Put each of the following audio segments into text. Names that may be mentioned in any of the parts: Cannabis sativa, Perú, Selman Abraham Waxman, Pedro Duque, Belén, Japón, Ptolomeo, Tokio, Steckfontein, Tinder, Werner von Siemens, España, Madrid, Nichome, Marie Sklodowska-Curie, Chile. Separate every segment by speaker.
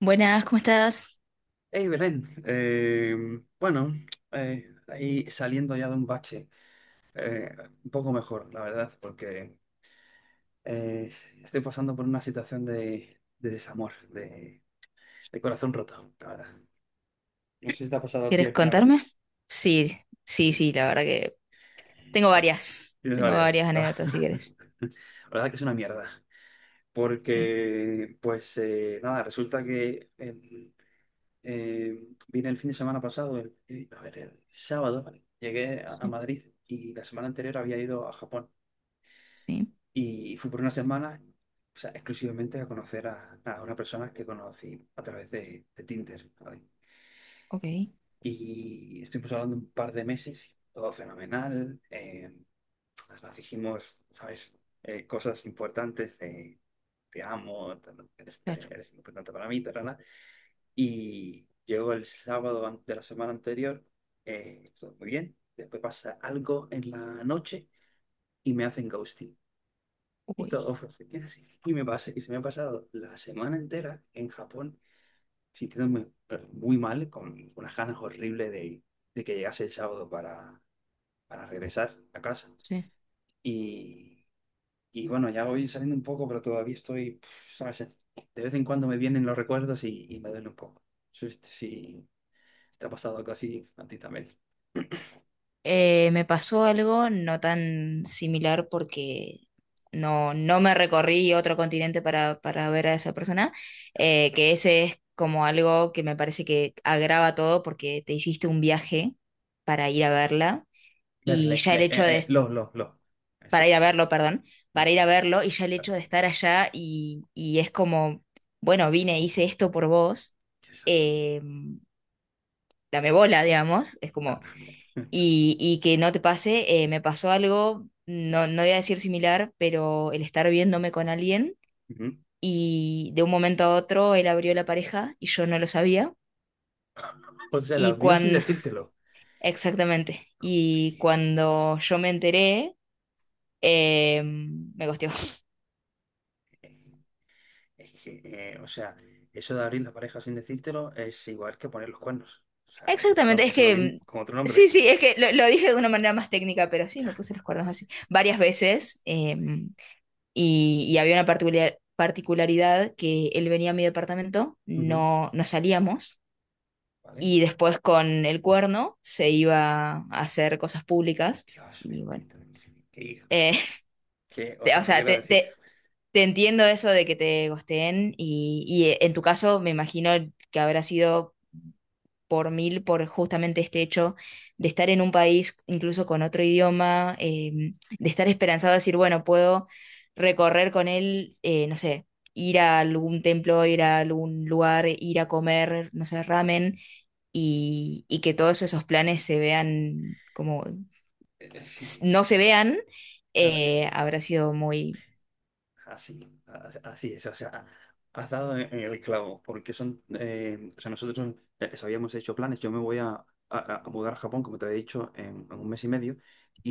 Speaker 1: Buenas, ¿cómo estás?
Speaker 2: Hey Belén, bueno, ahí saliendo ya de un bache, eh, un poco mejor, la verdad, porque eh, estoy pasando por una situación de, desamor, de corazón roto, la verdad. No sé si te ha pasado a ti
Speaker 1: ¿Quieres
Speaker 2: alguna vez.
Speaker 1: contarme? Sí, sí,
Speaker 2: Sí,
Speaker 1: sí, la verdad que tengo
Speaker 2: te-
Speaker 1: varias,
Speaker 2: tienes
Speaker 1: tengo
Speaker 2: varias.
Speaker 1: varias
Speaker 2: ¿No?
Speaker 1: anécdotas si quieres.
Speaker 2: La verdad que es una mierda,
Speaker 1: Sí,
Speaker 2: porque pues nada, resulta que Eh, vine el fin de semana pasado, a ver, el sábado, ¿vale? Llegué a,
Speaker 1: sí,
Speaker 2: Madrid, y la semana anterior había ido a Japón
Speaker 1: sí,
Speaker 2: y fui por una semana, o sea, exclusivamente a conocer a, una persona que conocí a través de Tinder, ¿vale?
Speaker 1: ok,
Speaker 2: Y estuvimos hablando un par de meses, todo fenomenal. Nos dijimos, ¿sabes? Cosas importantes de te amo,
Speaker 1: claro,
Speaker 2: eres importante para mí, tal. Y llegó el sábado de la semana anterior, todo muy bien. Después pasa algo en la noche y me hacen ghosting. Y
Speaker 1: uy,
Speaker 2: todo fue así, es así. Y me pasa, y se me ha pasado la semana entera en Japón sintiéndome muy mal, con unas ganas horribles de, que llegase el sábado para regresar a casa.
Speaker 1: sí.
Speaker 2: Y, y bueno, ya voy saliendo un poco, pero todavía estoy, ¿sabes? De vez en cuando me vienen los recuerdos, y me duele un poco. Sí, sí, te ha pasado algo así a ti también.
Speaker 1: Me pasó algo no tan similar porque no me recorrí otro continente para ver a esa persona. Eh, que ese es como algo que me parece que agrava todo porque te hiciste un viaje para ir a verla. Y
Speaker 2: Verle,
Speaker 1: ya
Speaker 2: le,
Speaker 1: el hecho de
Speaker 2: lo, lo. En este
Speaker 1: para ir a
Speaker 2: caso.
Speaker 1: verlo, perdón,
Speaker 2: Le-
Speaker 1: para ir a verlo, y ya el hecho de estar allá, y es como, bueno, vine, hice esto por vos.
Speaker 2: Exacto.
Speaker 1: Eh, dame bola, digamos, es como,
Speaker 2: Claro.
Speaker 1: y que no te pase. Eh, me pasó algo, no voy a decir similar, pero el estar viéndome con alguien
Speaker 2: Ujú.
Speaker 1: y de un momento a otro él abrió la pareja y yo no lo sabía.
Speaker 2: O sea,
Speaker 1: Y
Speaker 2: las vio sin
Speaker 1: cuando,
Speaker 2: decírtelo.
Speaker 1: exactamente,
Speaker 2: Es
Speaker 1: y
Speaker 2: que,
Speaker 1: cuando yo me enteré, me gosteó.
Speaker 2: es que, o sea, eso de abrir la pareja sin decírtelo es igual que poner los cuernos. O sea, es lo,
Speaker 1: Exactamente, es
Speaker 2: es lo mismo
Speaker 1: que
Speaker 2: con otro
Speaker 1: sí,
Speaker 2: nombre.
Speaker 1: sí, es que lo dije de una manera más técnica, pero sí,
Speaker 2: Ya.
Speaker 1: me puse los cuernos así varias veces. Y había una particularidad que él venía a mi departamento,
Speaker 2: Ujú.
Speaker 1: no salíamos,
Speaker 2: ¿Vale?
Speaker 1: y después con el cuerno se iba a hacer cosas públicas.
Speaker 2: Dios
Speaker 1: Y bueno,
Speaker 2: bendito. Qué hijo.
Speaker 1: eh,
Speaker 2: Que, o
Speaker 1: o
Speaker 2: sea, no
Speaker 1: sea,
Speaker 2: quiero decir.
Speaker 1: te entiendo eso de que te gosteen. Y, y en tu caso me imagino que habrá sido por mil por justamente este hecho de estar en un país incluso con otro idioma. Eh, de estar esperanzado a decir, bueno, puedo recorrer con él, no sé, ir a algún templo, ir a algún lugar, ir a comer, no sé, ramen. Y que todos esos planes se vean como
Speaker 2: Sí.
Speaker 1: no se vean,
Speaker 2: Claro,
Speaker 1: habrá sido muy.
Speaker 2: así, así es, o sea, has dado en el clavo, porque son, o sea, nosotros habíamos hecho planes. Yo me voy a, a mudar a Japón, como te había dicho, en, un mes y medio,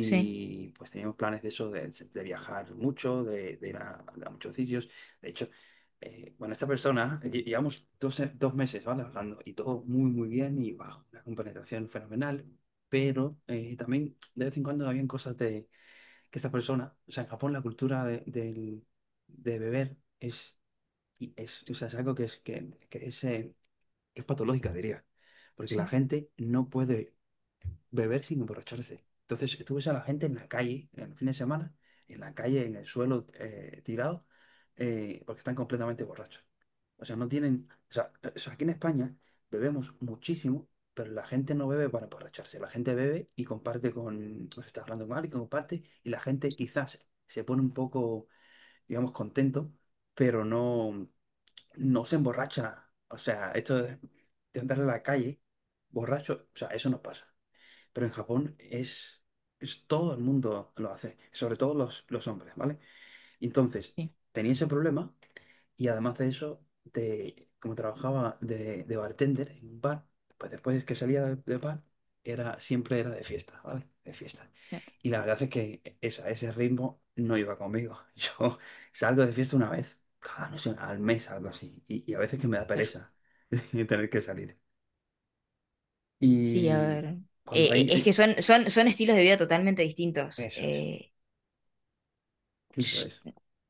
Speaker 1: Sí,
Speaker 2: pues teníamos planes de eso, de, viajar mucho, de, ir a muchos sitios. De hecho, bueno, esta persona, llevamos dos meses, ¿vale? Hablando, y todo muy, muy bien, y bajo, una compenetración fenomenal, pero también de vez en cuando habían cosas que esta persona, o sea, en Japón la cultura de, de beber es, y es, o sea, es algo que es, que es patológica, diría, porque la
Speaker 1: sí,
Speaker 2: gente no puede beber sin emborracharse. Entonces, tú ves a la gente en la calle, en el fin de semana, en la calle, en el suelo, tirado, porque están completamente borrachos. O sea, no tienen. O sea, aquí en España bebemos muchísimo, pero la gente no bebe para emborracharse. La gente bebe y comparte con. Pues está hablando con alguien, comparte, y la gente quizás se pone un poco, digamos, contento, pero no, no se emborracha. O sea, esto de andar en la calle borracho, o sea, eso no pasa. Pero en Japón es, todo el mundo lo hace, sobre todo los, hombres, ¿vale? Y entonces,
Speaker 1: sí.
Speaker 2: tenía ese problema, y además de eso, como trabajaba de, bartender en un bar, pues después que salía de bar, siempre era de fiesta, ¿vale? De fiesta.
Speaker 1: Claro,
Speaker 2: Y la verdad es que ese ritmo no iba conmigo. Yo salgo de fiesta una vez, cada, no sé, al mes, algo así. y a veces que me da
Speaker 1: claro.
Speaker 2: pereza tener que salir.
Speaker 1: Sí, a
Speaker 2: Y
Speaker 1: ver.
Speaker 2: cuando hay...
Speaker 1: Es que
Speaker 2: hay-
Speaker 1: son, son estilos de vida totalmente distintos.
Speaker 2: Eso es. Eso
Speaker 1: Sh-
Speaker 2: es.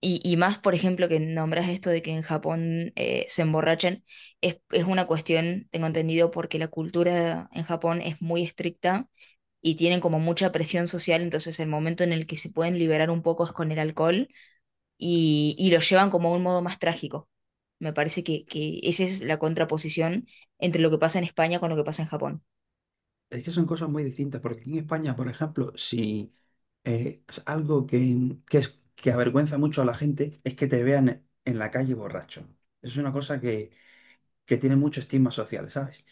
Speaker 1: y más, por ejemplo, que nombras esto de que en Japón se emborrachan. Es una cuestión, tengo entendido, porque la cultura en Japón es muy estricta y tienen como mucha presión social. Entonces el momento en el que se pueden liberar un poco es con el alcohol, y lo llevan como a un modo más trágico. Me parece que esa es la contraposición entre lo que pasa en España con lo que pasa en Japón.
Speaker 2: Es que son cosas muy distintas, porque aquí en España, por ejemplo, si es algo que avergüenza mucho a la gente es que te vean en la calle borracho. Es una cosa que, tiene mucho estigma social, ¿sabes?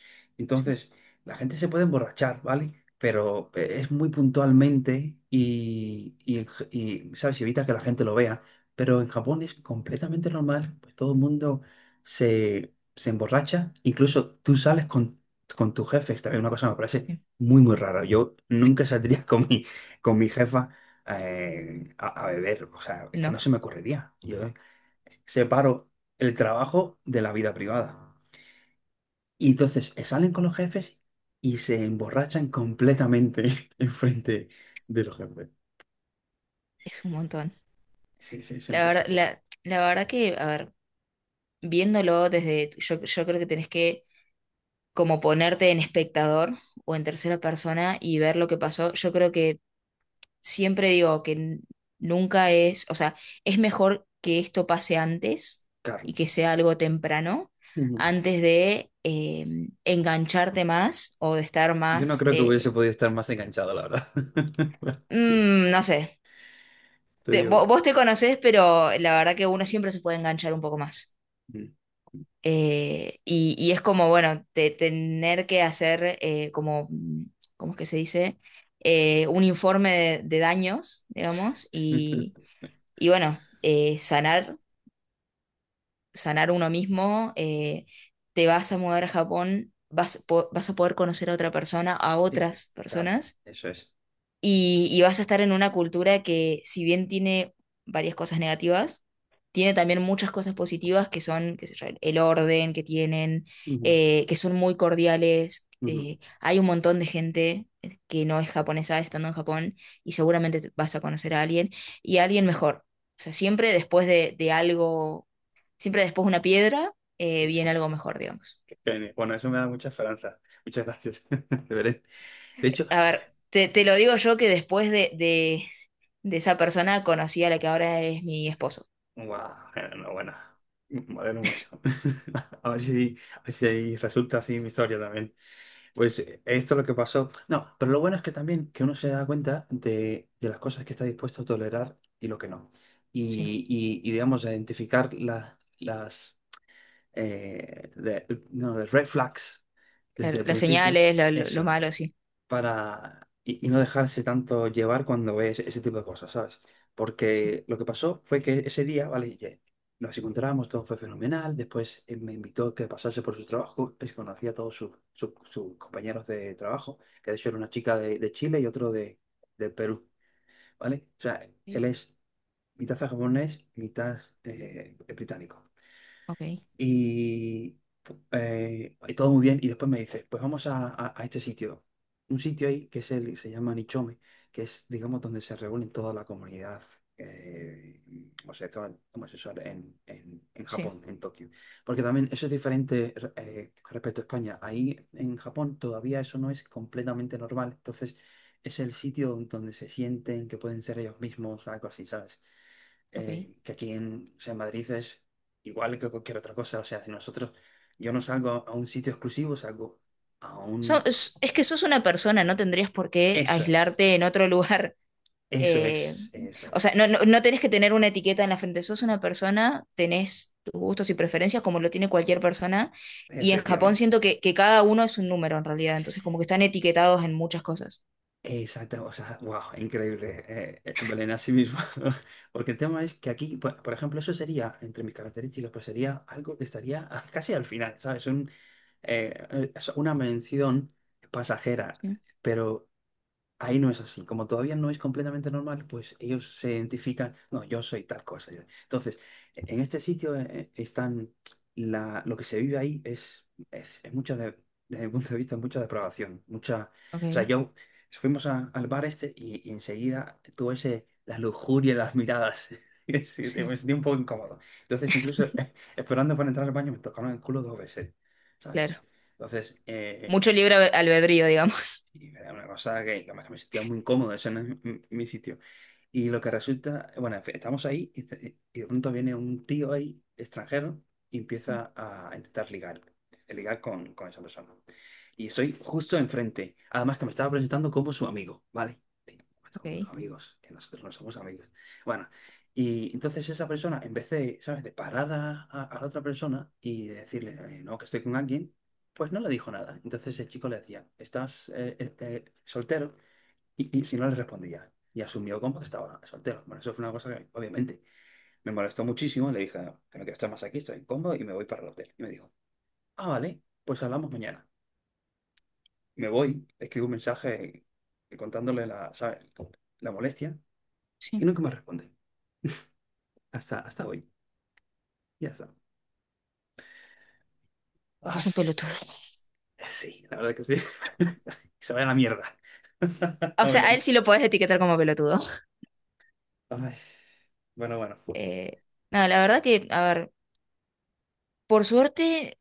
Speaker 1: Sí,
Speaker 2: Entonces, la gente se puede emborrachar, ¿vale? Pero es muy puntualmente, ¿sabes? Evita que la gente lo vea. Pero en Japón es completamente normal, pues todo el mundo se, emborracha. Incluso tú sales con tu jefe, es también una cosa que me parece
Speaker 1: sí.
Speaker 2: muy, muy rara. Yo nunca saldría con mi, jefa a beber, o sea, es que
Speaker 1: No,
Speaker 2: no se me ocurriría. Yo separo el trabajo de la vida privada. Y entonces salen con los jefes y se emborrachan completamente enfrente de los jefes.
Speaker 1: es un montón.
Speaker 2: Sí, sí, es una
Speaker 1: La
Speaker 2: cosa.
Speaker 1: verdad, la verdad que, a ver, viéndolo desde, yo creo que tenés que como ponerte en espectador o en tercera persona y ver lo que pasó. Yo creo que siempre digo que nunca es, o sea, es mejor que esto pase antes
Speaker 2: Carlos.
Speaker 1: y que sea algo temprano,
Speaker 2: Mm.
Speaker 1: antes de engancharte más o de estar
Speaker 2: Yo no
Speaker 1: más,
Speaker 2: creo que hubiese podido estar más enganchado, la verdad. Sí,
Speaker 1: no sé.
Speaker 2: te digo.
Speaker 1: Vos te conocés, pero la verdad que uno siempre se puede enganchar un poco más.
Speaker 2: Mm.
Speaker 1: Y es como, bueno, tener que hacer como, ¿cómo es que se dice? Un informe de daños, digamos. y, y bueno, sanar, uno mismo. Eh, te vas a mudar a Japón, vas a poder conocer a otra persona, a
Speaker 2: Sí,
Speaker 1: otras
Speaker 2: claro,
Speaker 1: personas,
Speaker 2: eso es.
Speaker 1: y vas a estar en una cultura que, si bien tiene varias cosas negativas, tiene también muchas cosas positivas que son, qué sé yo, el orden que tienen,
Speaker 2: Ujú,
Speaker 1: que son muy cordiales.
Speaker 2: ujú.
Speaker 1: Hay un montón de gente que no es japonesa estando en Japón y seguramente vas a conocer a alguien, y a alguien mejor. O sea, siempre después de algo, siempre después de una piedra,
Speaker 2: Es.
Speaker 1: viene algo mejor, digamos.
Speaker 2: Genial. Bueno, eso me da mucha esperanza. Muchas gracias. De veré. De hecho,
Speaker 1: A ver, te lo digo yo que después de, de esa persona conocí a la que ahora es mi esposo.
Speaker 2: guau, enhorabuena. Me alegro mucho. A ver si resulta así mi historia también. Pues esto es lo que pasó. No, pero lo bueno es que también que uno se da cuenta de, las cosas que está dispuesto a tolerar y lo que no.
Speaker 1: Sí,
Speaker 2: Y, digamos, a identificar las eh, de- no, de red flags
Speaker 1: claro.
Speaker 2: desde el
Speaker 1: Las
Speaker 2: principio.
Speaker 1: señales, lo
Speaker 2: Eso
Speaker 1: malo, sí.
Speaker 2: para, y no dejarse tanto llevar cuando ves ese tipo de cosas, ¿sabes?
Speaker 1: Sí.
Speaker 2: Porque lo que pasó fue que ese día, ¿vale? Ya nos encontramos, todo fue fenomenal, después me invitó a que pasase por su trabajo, pues conocí a todos sus, sus compañeros de trabajo, que de hecho era una chica de, de, Chile y otro de Perú, ¿vale? O sea,
Speaker 1: Ok,
Speaker 2: él es mitad japonés, mitad británico.
Speaker 1: ok,
Speaker 2: Y, todo muy bien. Y después me dice, pues vamos a, a este sitio. Un sitio ahí que es se llama Nichome, que es, digamos, donde se reúne toda la comunidad eh, homosexual, homosexual en, en
Speaker 1: sí,
Speaker 2: Japón, en Tokio. Porque también eso es diferente respecto a España. Ahí en Japón todavía eso no es completamente normal. Entonces es el sitio donde se sienten que pueden ser ellos mismos, algo así, ¿sabes?
Speaker 1: ok.
Speaker 2: Que aquí en, o sea, en Madrid es igual que cualquier otra cosa. O sea, si nosotros, yo no salgo a un sitio exclusivo, salgo a un...
Speaker 1: Es, que sos una persona, no tendrías por qué
Speaker 2: Eso es,
Speaker 1: aislarte en otro lugar.
Speaker 2: eso
Speaker 1: eh,
Speaker 2: es, eso
Speaker 1: o
Speaker 2: es,
Speaker 1: sea, no, no tenés que tener una etiqueta en la frente. Sos una persona, tenés tus gustos y preferencias como lo tiene cualquier persona. Y en Japón
Speaker 2: efectivamente.
Speaker 1: siento que cada uno es un número en realidad. Entonces, como que están etiquetados en muchas cosas.
Speaker 2: Exacto, o sea, wow, increíble, Belén, así mismo. Porque el tema es que aquí, por ejemplo, eso sería, entre mis características, pues sería algo que estaría casi al final, ¿sabes? Es una mención pasajera,
Speaker 1: Sí,
Speaker 2: pero ahí no es así. Como todavía no es completamente normal, pues ellos se identifican, no, yo soy tal cosa. Entonces, en este sitio lo que se vive ahí es mucha, desde mi punto de vista, mucha depravación. Mucha, o sea,
Speaker 1: ok.
Speaker 2: yo fuimos al bar este, y, enseguida tuve la lujuria en las miradas. Y sí,
Speaker 1: Sí,
Speaker 2: me sentí un poco incómodo. Entonces, incluso esperando para entrar al baño, me tocaron el culo dos veces, ¿sabes?
Speaker 1: claro.
Speaker 2: Entonces,
Speaker 1: Mucho libre albedrío, digamos.
Speaker 2: y era una cosa que, además, que me sentía muy incómodo, ese no es mi, sitio. Y lo que resulta, bueno, en fin, estamos ahí, y y de pronto viene un tío ahí, extranjero, y
Speaker 1: Sí,
Speaker 2: empieza a intentar ligar, con esa persona. Y estoy justo enfrente. Además que me estaba presentando como su amigo, ¿vale? Digo, "Pues somos
Speaker 1: ok.
Speaker 2: amigos", que nosotros no somos amigos. Bueno, y entonces esa persona, en vez de, ¿sabes?, de parar a, a la otra persona y de decirle, no, que estoy con alguien, pues no le dijo nada. Entonces el chico le decía, ¿estás soltero? Y si no le respondía. Y asumió como que estaba soltero. Bueno, eso fue una cosa que obviamente me molestó muchísimo. Le dije, no, que no quiero estar más aquí, estoy incómodo y me voy para el hotel. Y me dijo, ah, vale, pues hablamos mañana. Me voy, le escribo un mensaje contándole la, ¿sabes?, la molestia,
Speaker 1: Sí,
Speaker 2: y nunca me responde. Hasta hoy. Ya está. Ah,
Speaker 1: es un pelotudo.
Speaker 2: sí, sí, la verdad que sí. Se vaya a la mierda.
Speaker 1: O
Speaker 2: No me
Speaker 1: sea,
Speaker 2: lo-
Speaker 1: a él sí lo podés etiquetar como pelotudo.
Speaker 2: Ay, bueno, bueno.
Speaker 1: Eh, no, la verdad que, a ver, por suerte,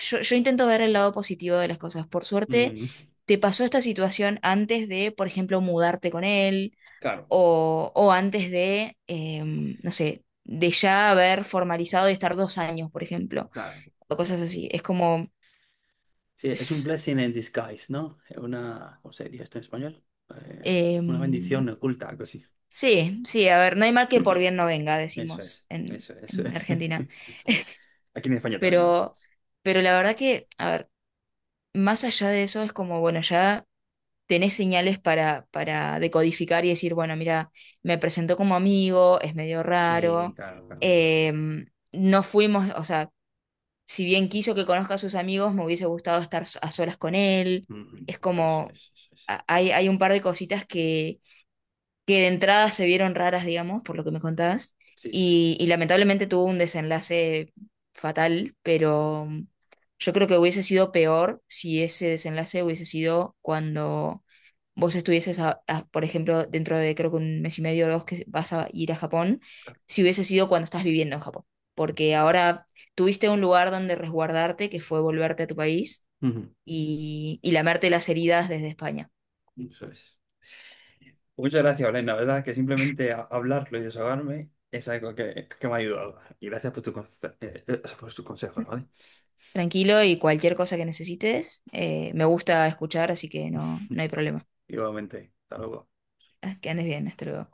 Speaker 1: yo intento ver el lado positivo de las cosas. Por suerte,
Speaker 2: Mm,
Speaker 1: te pasó esta situación antes de, por ejemplo, mudarte con él,
Speaker 2: claro,
Speaker 1: o antes de, no sé, de ya haber formalizado y estar 2 años, por ejemplo,
Speaker 2: claro.
Speaker 1: o cosas así. Es como.
Speaker 2: Sí, es un
Speaker 1: s-
Speaker 2: blessing in disguise, ¿no? Es una, ¿cómo se diría esto en español? Eh, una bendición
Speaker 1: em,
Speaker 2: oculta, algo así.
Speaker 1: Sí, sí, a ver, no hay mal que por bien no venga,
Speaker 2: Eso
Speaker 1: decimos
Speaker 2: es,
Speaker 1: en,
Speaker 2: eso es, eso es.
Speaker 1: Argentina.
Speaker 2: Eso. Aquí en España también lo
Speaker 1: Pero,
Speaker 2: hacemos.
Speaker 1: pero la verdad que, a ver, más allá de eso es como, bueno, ya tenés señales para, decodificar y decir, bueno, mira, me presentó como amigo, es medio
Speaker 2: Sí,
Speaker 1: raro.
Speaker 2: claro, claro.
Speaker 1: No fuimos, o sea, si bien quiso que conozca a sus amigos, me hubiese gustado estar a solas con él.
Speaker 2: Ujú.
Speaker 1: Es
Speaker 2: Eso
Speaker 1: como,
Speaker 2: es, eso es.
Speaker 1: hay, un par de cositas que de entrada se vieron raras, digamos, por lo que me contabas,
Speaker 2: Sí, sí, no,
Speaker 1: y lamentablemente tuvo un desenlace fatal. Pero yo creo que hubiese sido peor si ese desenlace hubiese sido cuando vos estuvieses, por ejemplo, dentro de creo que un mes y medio o dos que vas a ir a Japón.
Speaker 2: claro.
Speaker 1: Si hubiese sido cuando estás viviendo en Japón, porque ahora tuviste un lugar donde resguardarte, que fue volverte a tu país,
Speaker 2: Ujú.
Speaker 1: y lamerte las heridas desde España.
Speaker 2: Eso es. Muchas gracias, Belén. La verdad que simplemente hablarlo y desahogarme es algo que, me ha ayudado. Y gracias por por tus consejos, ¿vale?
Speaker 1: Tranquilo, y cualquier cosa que necesites, me gusta escuchar, así que no hay problema.
Speaker 2: Igualmente. Hasta luego.
Speaker 1: Ah, que andes bien, hasta luego.